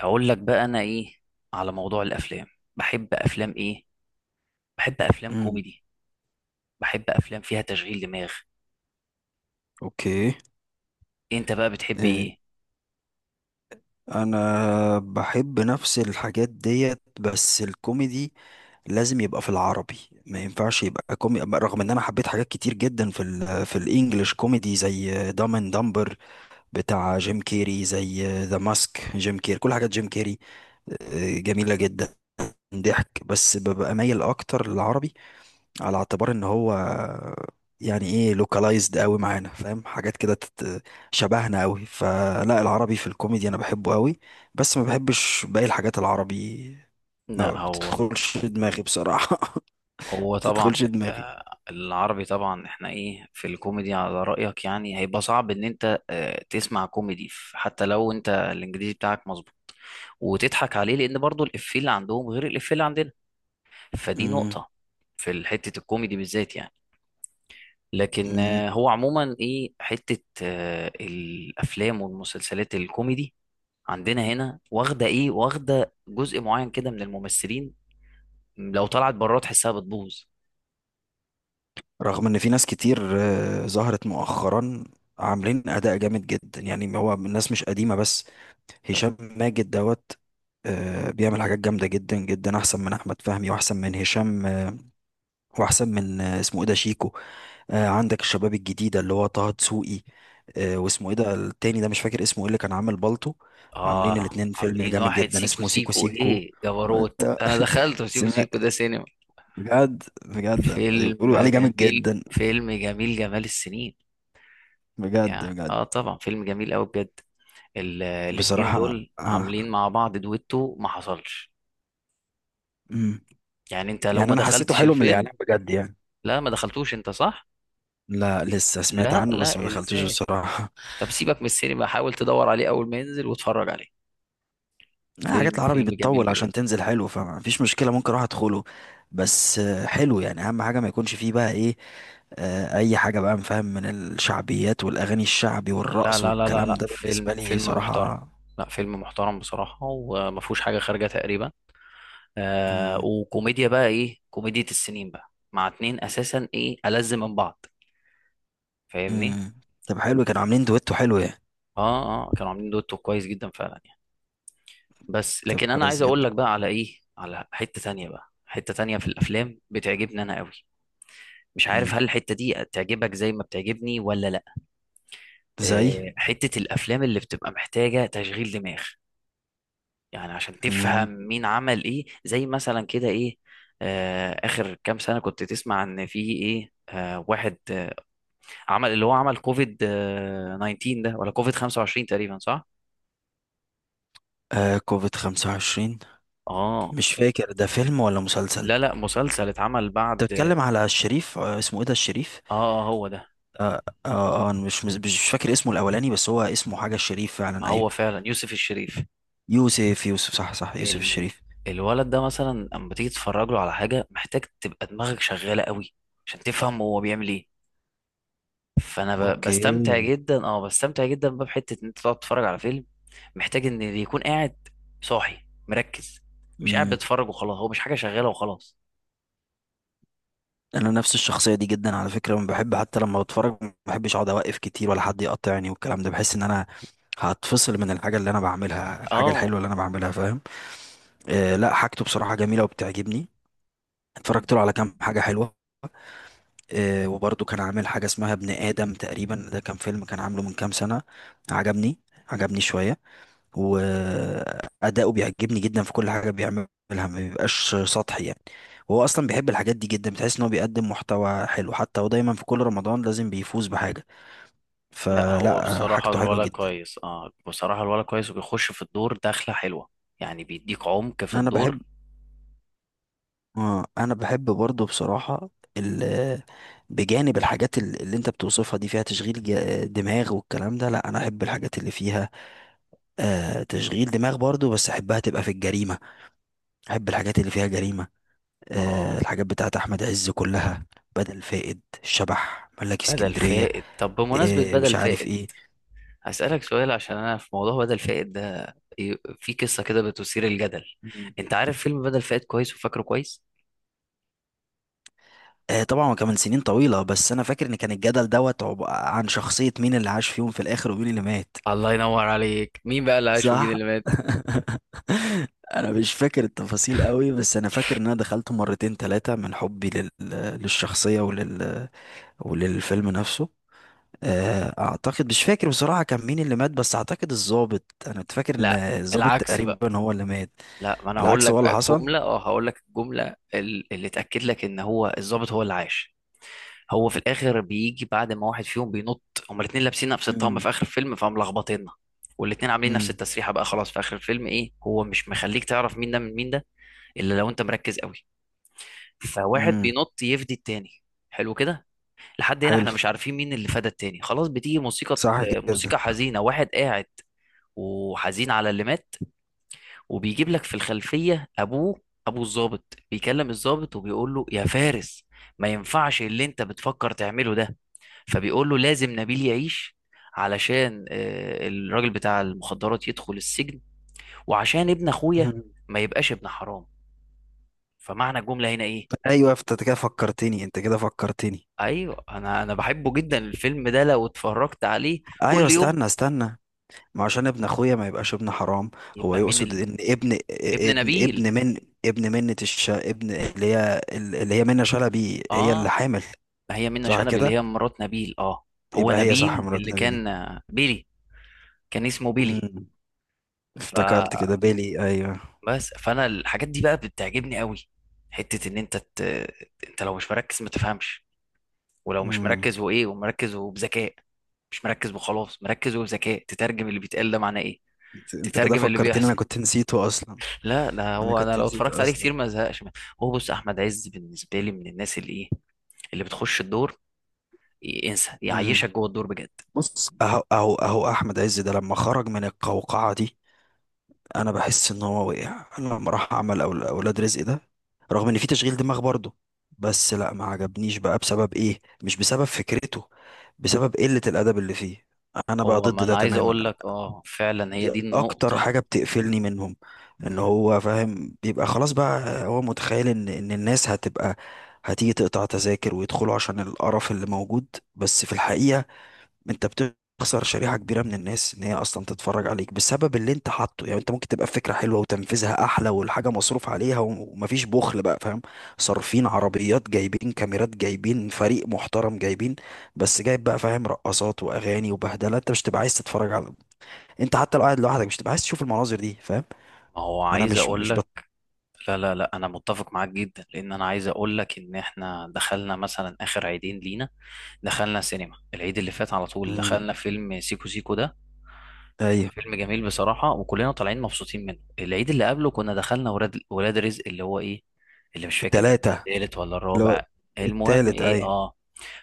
اقول لك بقى، انا ايه على موضوع الافلام؟ بحب افلام ايه؟ بحب افلام امم. كوميدي. بحب افلام فيها تشغيل دماغ. اوكي. انت بقى بتحب إيه، ايه؟ انا بحب نفس الحاجات ديت، بس الكوميدي لازم يبقى في العربي. ما ينفعش يبقى كوميدي، رغم ان انا حبيت حاجات كتير جدا في الانجليش كوميدي زي دام اند دمبر، بتاع جيم كيري، زي ذا ماسك جيم كيري، كل حاجات جيم كيري جميلة جدا. ضحك، بس ببقى مايل اكتر للعربي، على اعتبار ان هو يعني ايه لوكالايزد قوي معانا، فاهم حاجات كده شبهنا قوي، فلا العربي في الكوميدي انا بحبه قوي. بس ما بحبش باقي الحاجات العربي، ما لا، هو بتدخلش دماغي بصراحة. هو ما طبعا بتدخلش دماغي. العربي، طبعا احنا ايه في الكوميدي على رأيك، يعني هيبقى صعب ان انت تسمع كوميدي حتى لو انت الانجليزي بتاعك مظبوط وتضحك عليه، لان برضو الافيه اللي عندهم غير الافيه اللي عندنا. فدي مم. نقطة في حتة الكوميدي بالذات يعني. لكن مم. هو عموما ايه، حتة الافلام والمسلسلات الكوميدي عندنا هنا واخدة جزء معين كده من الممثلين. لو طلعت بره تحسها بتبوظ. رغم ان في ناس كتير ظهرت مؤخرا، عاملين اداء جامد جدا، يعني هو الناس مش قديمة بس. هشام ماجد دوت، بيعمل حاجات جامدة جدا جدا، احسن من احمد فهمي واحسن من هشام، واحسن من اسمه ايه ده شيكو. آه، عندك الشباب الجديده اللي هو طه دسوقي. آه، واسمه ايه ده التاني ده؟ مش فاكر اسمه ايه اللي كان عامل بالطو. عاملين اه، الاتنين فيلم عاملين جامد واحد جدا سيكو اسمه سيكو سيكو سيكو. ايه جبروت، آه، انا دخلت سيكو سمع. سيكو ده سينما. بجد بجد فيلم بيقولوا عليه جامد جميل. جدا. فيلم جميل، جمال السنين. بجد يعني بجد اه طبعا فيلم جميل قوي بجد. الاتنين بصراحه. دول آه. عاملين مع بعض دويتو ما حصلش. مم. يعني انت لو يعني ما انا حسيته دخلتش حلو من الفيلم؟ الاعلان بجد يعني. لا، ما دخلتوش انت، صح؟ لا، لسه سمعت لا عنه بس ما لا، دخلتوش ازاي! بصراحه. طب سيبك من السينما، حاول تدور عليه اول ما ينزل واتفرج عليه. لا، حاجات فيلم العربي فيلم جميل بتطول بجد. عشان تنزل حلو، فمفيش مشكلة، ممكن اروح ادخله. بس حلو يعني، اهم حاجة ما يكونش فيه بقى ايه، اي حاجة بقى مفهم من الشعبيات والاغاني الشعبي لا والرقص لا لا لا والكلام لا، ده بالنسبة فيلم لي فيلم محترم. صراحة. لا، فيلم محترم بصراحة، وما فيهوش حاجة خارجة تقريبا. مم. وكوميديا بقى ايه، كوميديا السنين بقى، مع اتنين اساسا، ايه ألذ من بعض. فاهمني؟ مم. طب حلو، كانوا عاملين دويتو حلو يعني. اه اه، كانوا عاملين دوتو كويس جدا فعلا يعني. بس طب لكن انا عايز كويس اقول جدا. لك بقى على ايه، على حتة تانية بقى، حتة تانية في الافلام بتعجبني انا قوي. مش عارف مم. هل الحتة دي تعجبك زي ما بتعجبني ولا لا. زي. حتة الأفلام اللي بتبقى محتاجة تشغيل دماغ، يعني عشان تفهم مم. مين عمل إيه، زي مثلا كده إيه. آخر كام سنة كنت تسمع إن في إيه، واحد عمل اللي هو عمل كوفيد 19 ده، ولا كوفيد 25 تقريبا، صح؟ آه كوفيد 25. آه. مش فاكر ده فيلم ولا مسلسل. لا لا، مسلسل اتعمل انت بعد. بتتكلم على الشريف، آه، اسمه ايه ده الشريف؟ آه آه، هو ده. اه اه. آه، انا مش فاكر اسمه الاولاني، بس هو اسمه حاجه الشريف ما فعلا، ايوه. هو فعلا يوسف الشريف. يوسف يوسف صح صح، يوسف ال... الشريف. الولد ده مثلا اما تيجي تتفرج له على حاجه، محتاج تبقى دماغك شغاله قوي عشان تفهم هو بيعمل ايه. فانا ب... بستمتع اوكي. جدا اه بستمتع جدا بقى، بحته ان انت تقعد تتفرج على فيلم محتاج ان اللي يكون قاعد صاحي مركز، مش قاعد امم بيتفرج وخلاص، هو مش حاجه شغاله وخلاص. انا نفس الشخصيه دي جدا على فكره، ما بحب حتى لما بتفرج ما بحبش اقعد اوقف كتير ولا حد يقطعني والكلام ده، بحس ان انا هتفصل من الحاجه اللي انا بعملها، الحاجه اه، الحلوه اللي انا بعملها، فاهم. آه، لا، حاجته بصراحه جميله وبتعجبني. م. اتفرجت له على كام حاجه حلوه. آه، وبرضه كان عامل حاجه اسمها ابن ادم تقريبا، ده كان فيلم، كان عامله من كام سنه. عجبني، عجبني شويه. وأداؤه بيعجبني جدا في كل حاجة بيعملها، ما بيبقاش سطحي يعني. وهو أصلا بيحب الحاجات دي جدا، بتحس إن هو بيقدم محتوى حلو، حتى هو دايما في كل رمضان لازم بيفوز بحاجة. لا، هو فلا بصراحه حاجته حلوة الولد جدا. كويس. اه بصراحه الولد كويس، وبيخش في الدور دخله حلوه، يعني بيديك عمق في أنا الدور. بحب أنا بحب برضه بصراحة ال- بجانب الحاجات اللي انت بتوصفها دي فيها تشغيل دماغ والكلام ده، لا انا احب الحاجات اللي فيها تشغيل دماغ برضو، بس احبها تبقى في الجريمة. احب الحاجات اللي فيها جريمة. آه، اه، الحاجات بتاعت احمد عز كلها، بدل فائد، الشبح، ملاك بدل اسكندريه، فائد. طب بمناسبه بدل مش عارف فائد، ايه. هسألك سؤال عشان أنا في موضوع بدل فائد ده في قصة كده بتثير الجدل. مم. أنت عارف فيلم بدل فائد كويس وفاكره كويس؟ آه، طبعا كمان سنين طويله، بس انا فاكر ان كان الجدل دوت عن شخصيه مين اللي عاش فيهم في الاخر ومين اللي مات. الله ينور عليك، مين بقى اللي عاش ومين صح. اللي مات؟ انا مش فاكر التفاصيل قوي، بس انا فاكر ان انا دخلته مرتين ثلاثه من حبي للشخصيه وللفيلم نفسه. آه، اعتقد مش فاكر بصراحه كان مين اللي مات، بس اعتقد الضابط، انا كنت فاكر ان لا، الضابط العكس بقى. تقريبا هو اللي مات. لا، ما أنا هقول العكس لك هو اللي بقى حصل. الجملة، أه هقول لك الجملة ال- اللي تأكد لك إن هو الضابط هو اللي عاش. هو في الآخر بيجي بعد ما واحد فيهم بينط، هما الاتنين لابسين نفس الطقم امم. في آخر الفيلم، فملخبطينا. والاتنين عاملين نفس امم. التسريحة بقى خلاص، في آخر الفيلم إيه، هو مش مخليك تعرف مين ده من مين ده، إلا لو أنت مركز قوي. فواحد امم. بينط يفدي التاني، حلو كده. لحد هنا احنا حلو. مش عارفين مين اللي فدى التاني، خلاص. بتيجي موسيقى، صح كده. موسيقى حزينة، واحد قاعد وحزين على اللي مات، وبيجيب لك في الخلفية ابوه، ابو الضابط بيكلم الضابط وبيقول له: يا فارس، ما ينفعش اللي انت بتفكر تعمله ده. فبيقول له: لازم نبيل يعيش، علشان الراجل بتاع المخدرات يدخل السجن، وعشان ابن اخويا مم. ما يبقاش ابن حرام. فمعنى الجملة هنا ايه؟ ايوه، انت كده فكرتني، انت كده فكرتني. ايوه، انا بحبه جدا الفيلم ده، لو اتفرجت عليه ايوه، كل يوم. استنى استنى. ما عشان ابن اخويا ما يبقاش ابن حرام. هو يبقى مين يقصد ان ابن ابن ابن نبيل. ابن من ابن منة الش ابن اللي هي اللي هي منة شلبي، هي اللي اه. حامل. ما هي منة صح شلبي اللي كده. هي مرات نبيل، اه. هو يبقى هي صح، نبيل مرات اللي نبي. كان بيلي، كان اسمه بيلي، امم. افتكرت كده فبس. بيلي، ايوه. فانا الحاجات دي بقى بتعجبني قوي، حتة ان انت انت لو مش مركز ما تفهمش. ولو مش امم. مركز ومركز وبذكاء، مش مركز وخلاص، مركز وبذكاء، تترجم اللي بيتقال ده معناه ايه، انت كده تترجم اللي فكرتني، انا بيحصل. كنت نسيته اصلا، لا، ده انا هو، انا كنت لو نسيته اتفرجت عليه كتير ما ازهقش منه. هو بص، احمد عز بالنسبه لي من الناس اللي ايه، اللي بتخش الدور انسى، اصلا. يعيشك جوه الدور بجد. بص، اهو اهو اهو احمد عز ده، لما خرج من القوقعه دي، انا بحس ان هو وقع لما راح عمل أول اولاد رزق ده، رغم ان في تشغيل دماغ برضه، بس لا، ما عجبنيش بقى بسبب ايه؟ مش بسبب فكرته، بسبب قله الادب اللي فيه. انا بقى هو، ما ضد ده انا عايز تماما. اقول لك، اه فعلا هي دي دي اكتر النقطه. حاجه بتقفلني منهم، ان مم. هو فاهم بيبقى خلاص بقى هو متخيل ان الناس هتبقى هتيجي تقطع تذاكر ويدخلوا عشان القرف اللي موجود. بس في الحقيقه، انت بتخسر شريحة كبيرة من الناس ان هي اصلا تتفرج عليك بسبب اللي انت حاطه يعني. انت ممكن تبقى فكرة حلوة وتنفيذها احلى، والحاجة مصروف عليها ومفيش بخل بقى، فاهم. صارفين عربيات، جايبين كاميرات، جايبين فريق محترم، جايبين، بس جايب بقى فاهم رقصات واغاني وبهدلة، انت مش تبقى عايز تتفرج على. انت حتى لو قاعد لوحدك مش تبقى عايز تشوف المناظر دي، فاهم. ما هو انا عايز مش اقول مش لك، بط... لا لا لا، انا متفق معاك جدا، لان انا عايز اقول لك ان احنا دخلنا مثلا اخر عيدين لينا، دخلنا سينما. العيد اللي فات على طول مم. دخلنا فيلم سيكو سيكو ده، كان ايوه، فيلم جميل بصراحة، وكلنا طالعين مبسوطين منه. العيد اللي قبله كنا دخلنا ولاد رزق، اللي هو ايه، اللي مش فاكر التلاتة. التالت ولا لو. الرابع، المهم التالت، ايه، ايوه. اه.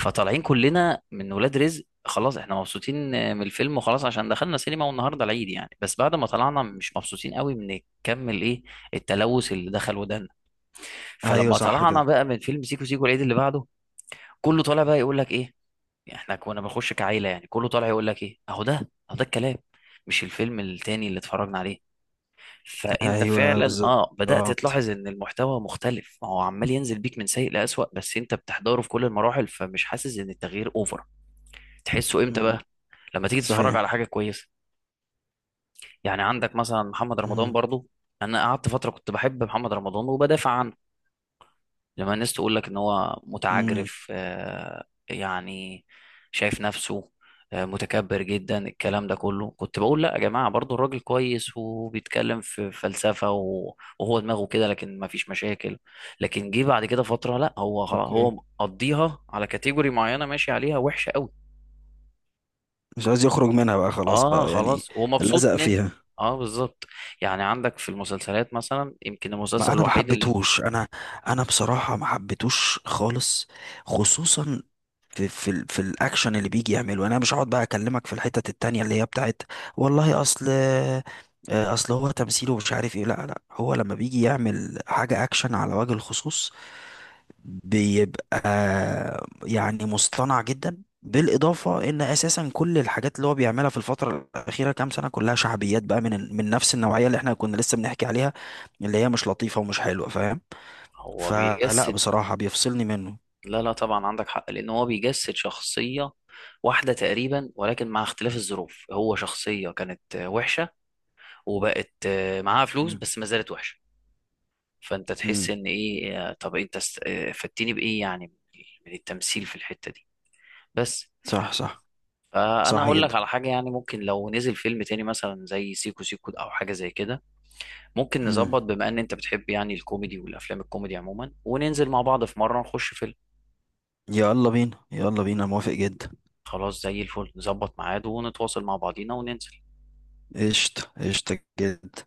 فطالعين كلنا من ولاد رزق خلاص، احنا مبسوطين من الفيلم وخلاص، عشان دخلنا سينما والنهارده العيد يعني. بس بعد ما طلعنا، مش مبسوطين قوي من كم الايه، التلوث اللي دخل ودنا. ايوه، فلما صح طلعنا كده. بقى من فيلم سيكو سيكو العيد اللي بعده، كله طالع بقى يقول لك ايه، يعني احنا كنا بنخش كعيله يعني. كله طالع يقول لك ايه، اهو ده اهو ده الكلام، مش الفيلم التاني اللي اتفرجنا عليه. فانت ايوه، فعلا اه بدات بالظبط. تلاحظ ان المحتوى مختلف، ما هو عمال ينزل بيك من سيء لاسوأ، بس انت بتحضره في كل المراحل، فمش حاسس ان التغيير اوفر. تحسه امتى مم. بقى؟ لما تيجي تتفرج صحيح. على حاجه كويسه. يعني عندك مثلا محمد رمضان مم. برضو. انا قعدت فتره كنت بحب محمد رمضان وبدافع عنه، لما الناس تقول لك ان هو مم. متعجرف يعني شايف نفسه، متكبر جدا، الكلام ده كله كنت بقول: لا يا جماعة برضو الراجل كويس، وبيتكلم في فلسفة وهو دماغه كده، لكن ما فيش مشاكل. لكن جه بعد كده فترة، لا، هو خلاص، هو اوكي. مقضيها على كاتيجوري معينة ماشي عليها وحشة قوي. مش عايز يخرج منها بقى خلاص اه بقى يعني. خلاص، ومبسوط لزق منها. فيها. اه بالظبط. يعني عندك في المسلسلات مثلا، يمكن المسلسل ما انا ما الوحيد اللي حبيتهوش انا بصراحه ما حبيتهوش خالص. خصوصا في الاكشن اللي بيجي يعمله، انا مش هقعد بقى اكلمك في الحتت التانية اللي هي بتاعت. والله، اصل هو تمثيله مش عارف ايه، لا لا، هو لما بيجي يعمل حاجه اكشن على وجه الخصوص بيبقى يعني مصطنع جدا، بالإضافة إن أساسا كل الحاجات اللي هو بيعملها في الفترة الأخيرة كام سنة كلها شعبيات بقى، من نفس النوعية اللي احنا كنا لسه بنحكي عليها، اللي هي مش لطيفة ومش حلوة، فاهم. هو فلا بيجسد. بصراحة بيفصلني منه. لا لا، طبعا عندك حق، لان هو بيجسد شخصيه واحده تقريبا، ولكن مع اختلاف الظروف، هو شخصيه كانت وحشه، وبقت معاها فلوس مم. بس ما زالت وحشه. فانت تحس مم. ان ايه، طب انت فدتني بايه يعني، من التمثيل في الحته دي، بس. صح صح. فانا صح اقول لك جدا. على حاجه، يعني ممكن لو نزل فيلم تاني مثلا زي سيكو سيكو او حاجه زي كده، ممكن مم. نظبط، بما ان انت بتحب يعني الكوميدي والافلام الكوميدي عموما، وننزل مع بعض في مره نخش فيلم. يلا بينا، يلا بينا، موافق جدا. خلاص زي الفل، نظبط ميعاد ونتواصل مع بعضينا وننزل. قشطة قشطة جدا.